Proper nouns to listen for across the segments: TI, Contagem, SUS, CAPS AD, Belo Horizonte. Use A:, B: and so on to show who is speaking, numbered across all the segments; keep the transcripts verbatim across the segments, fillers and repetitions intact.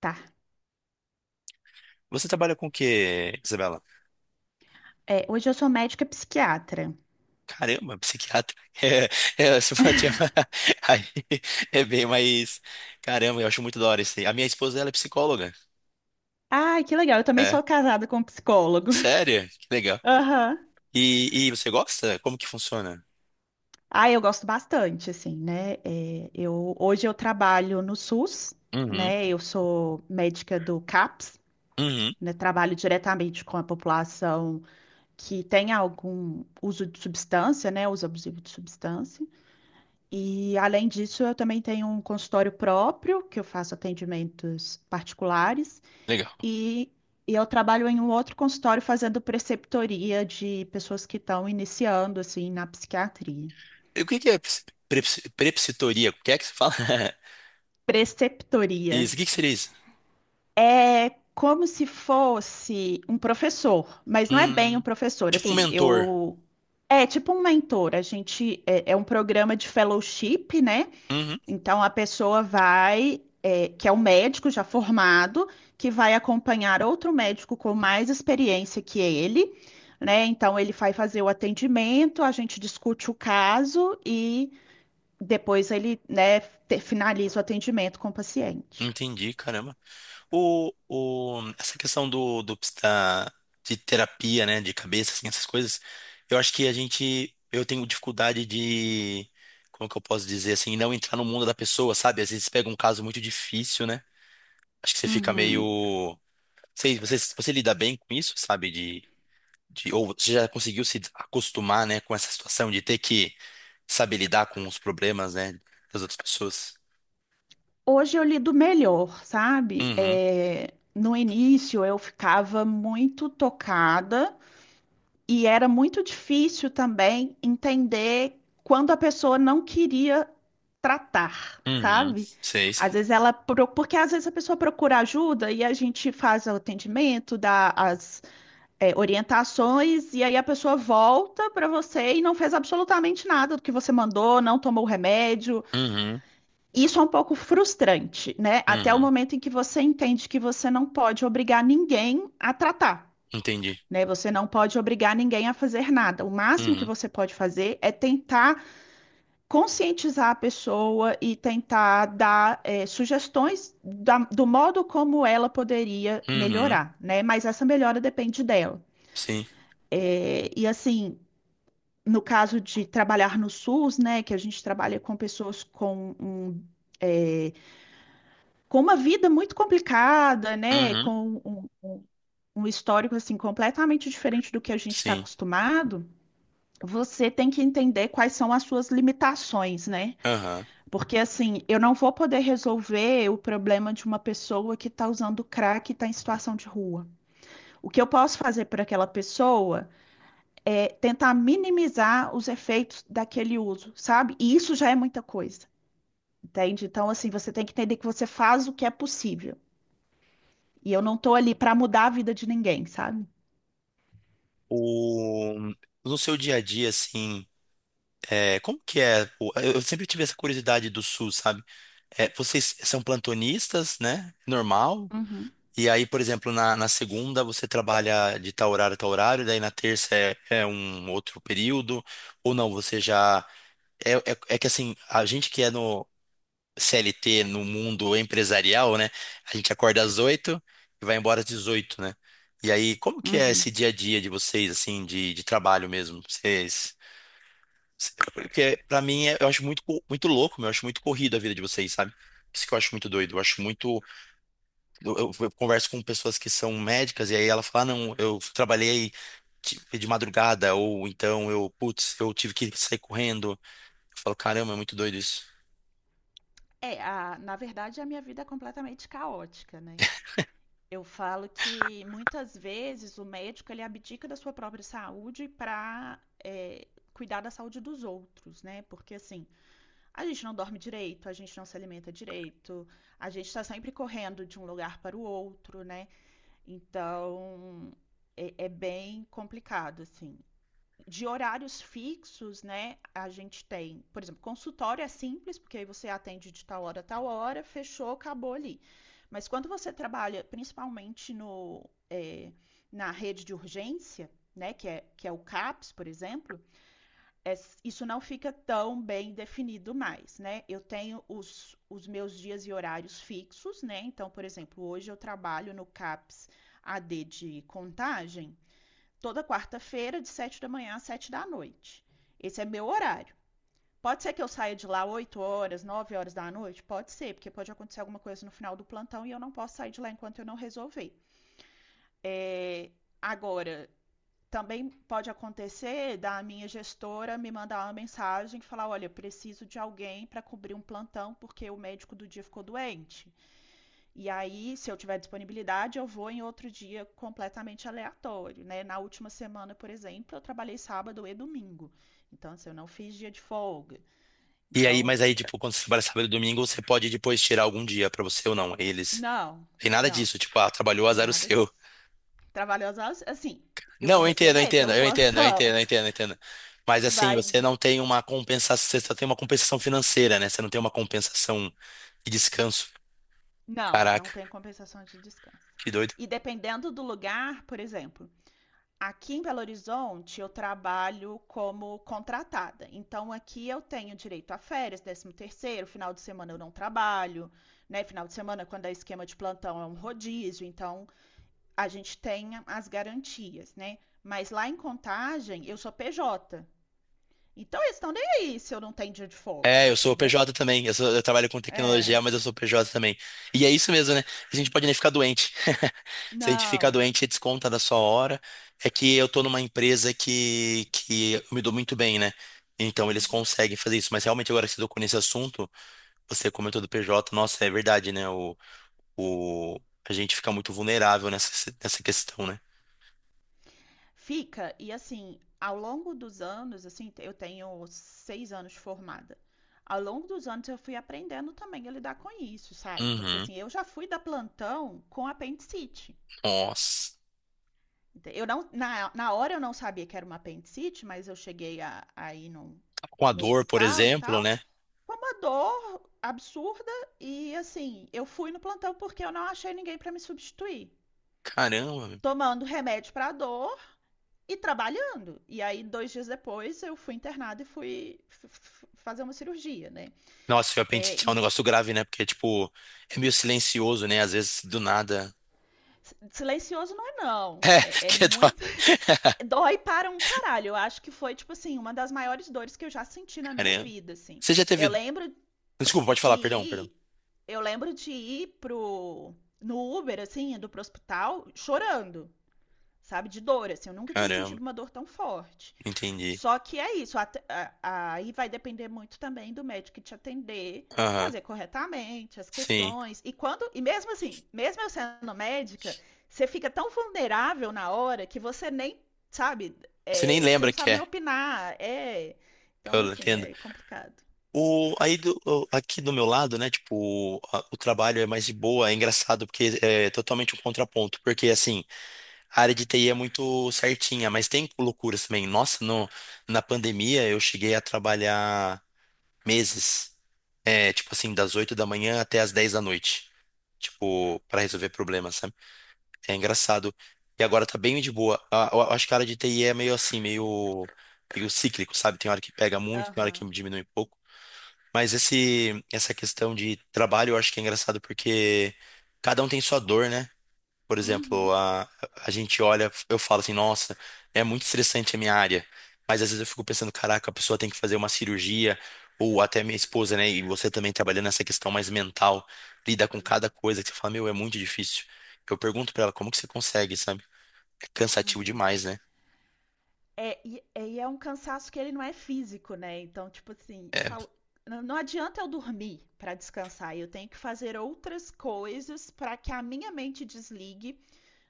A: Tá.
B: Você trabalha com o quê, Isabela?
A: É, hoje eu sou médica psiquiatra.
B: Caramba, psiquiatra. É, é, você fala, tinha uma- aí é bem mais. Caramba, eu acho muito da hora isso aí. A minha esposa, ela é psicóloga.
A: Ai, que legal. Eu também
B: É.
A: sou casada com um psicólogo.
B: Sério? Que legal.
A: Aham.
B: E, e você gosta? Como que funciona?
A: Ah, eu gosto bastante, assim, né? É, eu, hoje eu trabalho no SUS,
B: Uhum,
A: né? Eu sou médica do CAPS,
B: uhum,
A: né? Trabalho diretamente com a população que tem algum uso de substância, né? Uso abusivo de substância. E, além disso, eu também tenho um consultório próprio, que eu faço atendimentos particulares.
B: legal.
A: E, e eu trabalho em um outro consultório fazendo preceptoria de pessoas que estão iniciando, assim, na psiquiatria.
B: E o que que é psi- preps- prepositoria? O que é que você fala?
A: Preceptoria
B: Isso, o que que seria isso?
A: é como se fosse um professor, mas não é bem um
B: Hum,
A: professor,
B: tipo um
A: assim.
B: mentor.
A: Eu. É tipo um mentor. A gente. É, é um programa de fellowship, né?
B: Uhum,
A: Então, a pessoa vai, é, que é um médico já formado, que vai acompanhar outro médico com mais experiência que ele, né? Então, ele vai fazer o atendimento, a gente discute o caso e depois ele, né, te- finaliza o atendimento com o paciente.
B: entendi, caramba. O, o, essa questão do, do da, de terapia, né, de cabeça, assim, essas coisas, eu acho que a gente, eu tenho dificuldade de, como que eu posso dizer, assim, não entrar no mundo da pessoa, sabe? Às vezes pega um caso muito difícil, né? Acho que você fica
A: Uhum.
B: meio, sei, você, você lida bem com isso, sabe? De, de, ou você já conseguiu se acostumar, né, com essa situação de ter que saber lidar com os problemas, né, das outras pessoas?
A: Hoje eu lido melhor, sabe?
B: Uhum,
A: É, no início eu ficava muito tocada. E era muito difícil também entender quando a pessoa não queria tratar,
B: uhum,
A: sabe?
B: sei,
A: Às
B: sei.
A: vezes ela, pro- porque às vezes a pessoa procura ajuda e a gente faz o atendimento, dá as, é, orientações, e aí a pessoa volta para você e não fez absolutamente nada do que você mandou, não tomou o remédio.
B: Uhum,
A: Isso é um pouco frustrante, né? Até o
B: uhum,
A: momento em que você entende que você não pode obrigar ninguém a tratar,
B: entendi.
A: né? Você não pode obrigar ninguém a fazer nada. O máximo que
B: Uhum,
A: você pode fazer é tentar conscientizar a pessoa e tentar dar eh, sugestões da- do modo como ela poderia
B: uhum,
A: melhorar, né? Mas essa melhora depende dela.
B: sim,
A: Eh, e assim, no caso de trabalhar no SUS, né, que a gente trabalha com pessoas com um, eh, com uma vida muito complicada, né,
B: uhum,
A: com um, um um histórico assim completamente diferente do que a gente está
B: sim,
A: acostumado. Você tem que entender quais são as suas limitações, né?
B: aham.
A: Porque assim, eu não vou poder resolver o problema de uma pessoa que está usando crack e está em situação de rua. O que eu posso fazer para aquela pessoa é tentar minimizar os efeitos daquele uso, sabe? E isso já é muita coisa, entende? Então, assim, você tem que entender que você faz o que é possível. E eu não estou ali para mudar a vida de ninguém, sabe?
B: O... No seu dia a dia, assim, é, como que é? o- Eu eu sempre tive essa curiosidade do suss, sabe? É, vocês são plantonistas, né? Normal.
A: Uhum,
B: E aí, por exemplo, na, na segunda você trabalha de tal horário a tal horário, daí na terça é, é um outro período, ou não, você já. É, é, é que assim, a gente que é C L T no mundo empresarial, né? A gente acorda às oito e vai embora às dezoito, né? E aí, como que é esse
A: uhum.
B: dia a dia de vocês, assim, de, de trabalho mesmo? Vocês, cê- porque pra mim é- eu acho muito, co- muito louco, meu, eu acho muito corrido a vida de vocês, sabe? Isso que eu acho muito doido. Eu acho muito. Eu, eu- eu converso com pessoas que são médicas e aí ela fala, ah, não, eu trabalhei de de madrugada, ou então eu, putz, eu tive que sair correndo. Eu falo, caramba, é muito doido isso.
A: É, a, na verdade, a minha vida é completamente caótica, né? Eu falo que muitas vezes o médico ele abdica da sua própria saúde para cuidar da saúde dos outros, né? Porque assim, a gente não dorme direito, a gente não se alimenta direito, a gente está sempre correndo de um lugar para o outro, né? Então é, é bem complicado, assim, de horários fixos, né? A gente tem, por exemplo, consultório é simples, porque aí você atende de tal hora a tal hora, fechou, acabou ali. Mas quando você trabalha principalmente no, é, na rede de urgência, né, que é, que é o CAPS, por exemplo, é, isso não fica tão bem definido mais, né? Eu tenho os, os meus dias e horários fixos, né? Então, por exemplo, hoje eu trabalho no CAPS A D de contagem, toda quarta-feira, de sete da manhã às sete da noite. Esse é meu horário. Pode ser que eu saia de lá oito horas, nove horas da noite? Pode ser, porque pode acontecer alguma coisa no final do plantão e eu não posso sair de lá enquanto eu não resolver. É, Agora, também pode acontecer da minha gestora me mandar uma mensagem e falar: olha, preciso de alguém para cobrir um plantão porque o médico do dia ficou doente. E aí, se eu tiver disponibilidade, eu vou em outro dia completamente aleatório, né? Na última semana, por exemplo, eu trabalhei sábado e domingo. Então, assim, eu não fiz dia de folga.
B: E aí,
A: Então,
B: mas aí, tipo, quando você trabalha sábado e domingo, você pode depois tirar algum dia pra você ou não. Eles.
A: não,
B: Tem nada
A: não,
B: disso, tipo, ah, trabalhou, azar o
A: nada
B: seu.
A: disso. Trabalhei às horas, assim, eu vou
B: Não, eu entendo, eu
A: receber
B: entendo,
A: pelo
B: eu entendo, eu
A: plantão,
B: entendo, eu entendo, eu entendo. Mas assim,
A: mas
B: você não tem uma compensação, você só tem uma compensação financeira, né? Você não tem uma compensação de descanso.
A: não, não
B: Caraca,
A: tem compensação de descanso.
B: que doido.
A: E dependendo do lugar, por exemplo, aqui em Belo Horizonte, eu trabalho como contratada. Então, aqui eu tenho direito a férias, décimo terceiro, final de semana eu não trabalho, né? Final de semana, quando é esquema de plantão, é um rodízio. Então, a gente tem as garantias, né? Mas lá em Contagem, eu sou P J. Então, eles estão nem aí se eu não tenho dia de folga,
B: É, eu sou
A: entendeu?
B: P J também. Eu, sou- eu trabalho com
A: É.
B: tecnologia, mas eu sou P J também. E é isso mesmo, né? A gente pode nem ficar doente. Se a gente ficar
A: Não.
B: doente, desconta da sua hora. É que eu tô numa empresa que, que eu me dou muito bem, né? Então eles
A: Uhum.
B: conseguem fazer isso. Mas realmente agora que você tocou nesse assunto, você comentou do P J, nossa, é verdade, né? O, o, a gente fica muito vulnerável nessa, nessa questão, né?
A: Fica, e assim, ao longo dos anos, assim, eu tenho seis anos formada. Ao longo dos anos eu fui aprendendo também a lidar com isso, sabe? Porque
B: Uhum.
A: assim, eu já fui da plantão com apendicite.
B: Nossa.
A: Ente- Eu não, na, na hora eu não sabia que era uma apendicite, mas eu cheguei a, a ir num,
B: Com a
A: no
B: dor, por
A: hospital e
B: exemplo,
A: tal,
B: né?
A: com uma dor absurda e assim, eu fui no plantão porque eu não achei ninguém para me substituir.
B: Caramba.
A: Tomando remédio para dor, e trabalhando. E aí, dois dias depois, eu fui internada e fui fazer uma cirurgia, né?
B: Nossa, o
A: É,
B: apendicite é um
A: e
B: negócio grave, né? Porque, tipo, é meio silencioso, né? Às vezes, do nada.
A: Silencioso não é não.
B: É,
A: É, é
B: que dó.
A: muito. Dói para um caralho. Eu acho que foi, tipo assim, uma das maiores dores que eu já senti na minha
B: Caramba.
A: vida, assim.
B: Você já
A: Eu
B: teve.
A: lembro
B: Desculpa, pode
A: de
B: falar, perdão, perdão.
A: ir. Eu lembro de ir pro. No Uber, assim, indo pro hospital, chorando, sabe? De dor, assim. Eu nunca tinha
B: Caramba,
A: sentido uma dor tão forte.
B: entendi.
A: Só que é isso, at- a- a- aí vai depender muito também do médico que te atender,
B: Aham,
A: fazer corretamente as
B: sim.
A: questões. E quando, e mesmo assim, mesmo eu sendo médica, você fica tão vulnerável na hora que você nem sabe,
B: Você nem
A: é, você não
B: lembra que
A: sabe nem
B: é.
A: opinar. É, então,
B: Eu
A: assim,
B: entendo.
A: é complicado.
B: O, aí do, o- aqui do meu lado, né? Tipo, a- o trabalho é mais de boa, é engraçado, porque é totalmente um contraponto. Porque, assim, a área de T I é muito certinha, mas tem loucuras também. Nossa, no, na pandemia eu cheguei a trabalhar. Meses, é, tipo assim, das oito da manhã até as dez da noite, tipo, para resolver problemas, sabe? É engraçado. E agora tá bem de boa. A- Eu acho que a área de T I é meio assim, meio, meio cíclico, sabe? Tem hora que pega muito, tem hora que
A: Aham.
B: diminui um pouco. Mas esse, essa questão de trabalho eu acho que é engraçado porque cada um tem sua dor, né? Por exemplo,
A: Uhum.
B: a, a gente olha, eu falo assim, nossa, é muito estressante a minha área. Mas às vezes eu fico pensando, caraca, a pessoa tem que fazer uma cirurgia, ou até minha esposa, né? E você também trabalhando nessa questão mais mental, lida com cada
A: Uhum.
B: coisa que você fala, meu, é muito difícil. Eu pergunto pra ela, como que você consegue, sabe? É cansativo
A: Uhum.
B: demais, né?
A: É, e, é, e é um cansaço que ele não é físico, né? Então, tipo assim, eu
B: É.
A: falo, não não adianta eu dormir para descansar, eu tenho que fazer outras coisas para que a minha mente desligue,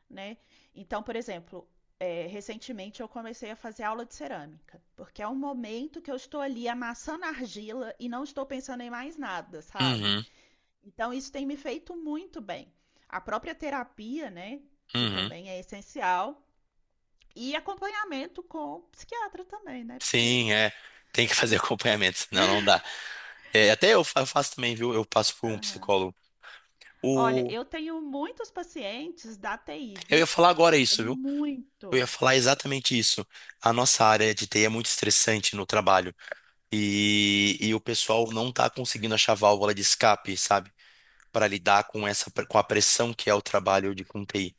A: né? Então, por exemplo, é, recentemente eu comecei a fazer aula de cerâmica, porque é um momento que eu estou ali amassando argila e não estou pensando em mais nada, sabe?
B: Uhum,
A: Então, isso tem me feito muito bem. A própria terapia, né? Que
B: uhum.
A: também é essencial, e acompanhamento com psiquiatra também, né? Porque.
B: Sim, é. Tem que fazer acompanhamento, senão não dá. É, até eu fa- eu faço também, viu? Eu passo por um
A: Aham.
B: psicólogo.
A: Olha,
B: O...
A: eu tenho muitos pacientes da T I,
B: Eu ia
A: viu?
B: falar agora
A: Tenho
B: isso, viu? Eu ia
A: muito.
B: falar exatamente isso. A nossa área de T I é muito estressante no trabalho e, e o pessoal não está conseguindo achar válvula de escape, sabe? Para lidar com essa, com a pressão que é o trabalho
A: Uhum.
B: de com T I.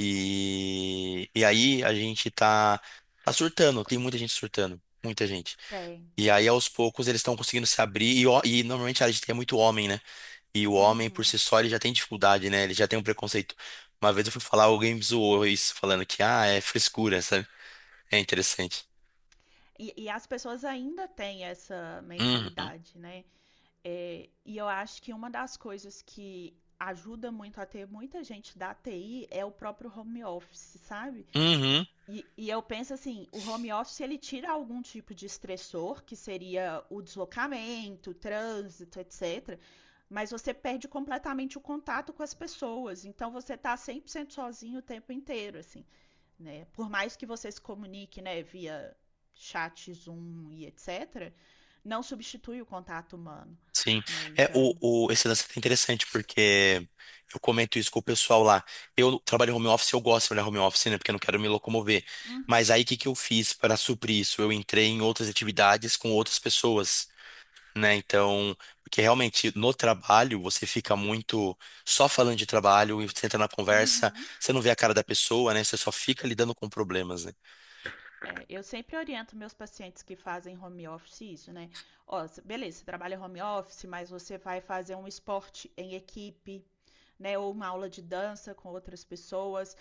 B: E, e aí a gente tá, tá surtando, tem muita gente surtando, muita gente.
A: Tem.
B: E aí aos poucos eles estão conseguindo se abrir e, ó- e normalmente a área de T I é muito homem, né? E o homem por
A: Uhum.
B: si só ele já tem dificuldade, né? Ele já tem um preconceito. Uma vez eu fui falar, alguém me zoou isso, falando que, ah, é frescura, sabe? É interessante.
A: E, e as pessoas ainda têm essa
B: Uhum.
A: mentalidade, né? É, e eu acho que uma das coisas que ajuda muito a ter muita gente da T I é o próprio home office, sabe?
B: Uhum.
A: E, e eu penso assim, o home office ele tira algum tipo de estressor, que seria o deslocamento, o trânsito, etcétera. Mas você perde completamente o contato com as pessoas. Então você tá cem por cento sozinho o tempo inteiro, assim, né? Por mais que você se comunique, né, via chat, Zoom e etc, não substitui o contato humano,
B: Sim.
A: né?
B: É,
A: Então,
B: o, o, esse lance é interessante porque eu comento isso com o pessoal lá. Eu trabalho em home office, eu gosto de trabalhar home office, né? Porque eu não quero me locomover.
A: uhum,
B: Mas aí o que que eu fiz para suprir isso? Eu entrei em outras atividades com outras pessoas, né? Então, porque realmente no trabalho você fica muito só falando de trabalho e você entra na conversa,
A: uhum.
B: você não vê a cara da pessoa, né? Você só fica lidando com problemas, né?
A: É, eu sempre oriento meus pacientes que fazem home office isso, né? Ó, cê- beleza, você trabalha home office, mas você vai fazer um esporte em equipe, né? Ou uma aula de dança com outras pessoas.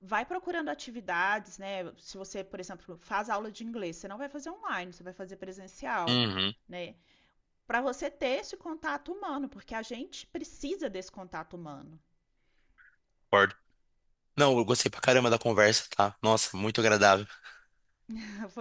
A: Vai procurando atividades, né? Se você, por exemplo, faz aula de inglês, você não vai fazer online, você vai fazer presencial,
B: Uhum.
A: né? Para você ter esse contato humano, porque a gente precisa desse contato humano.
B: Concordo. Não, eu gostei pra caramba da conversa, tá? Nossa, muito agradável.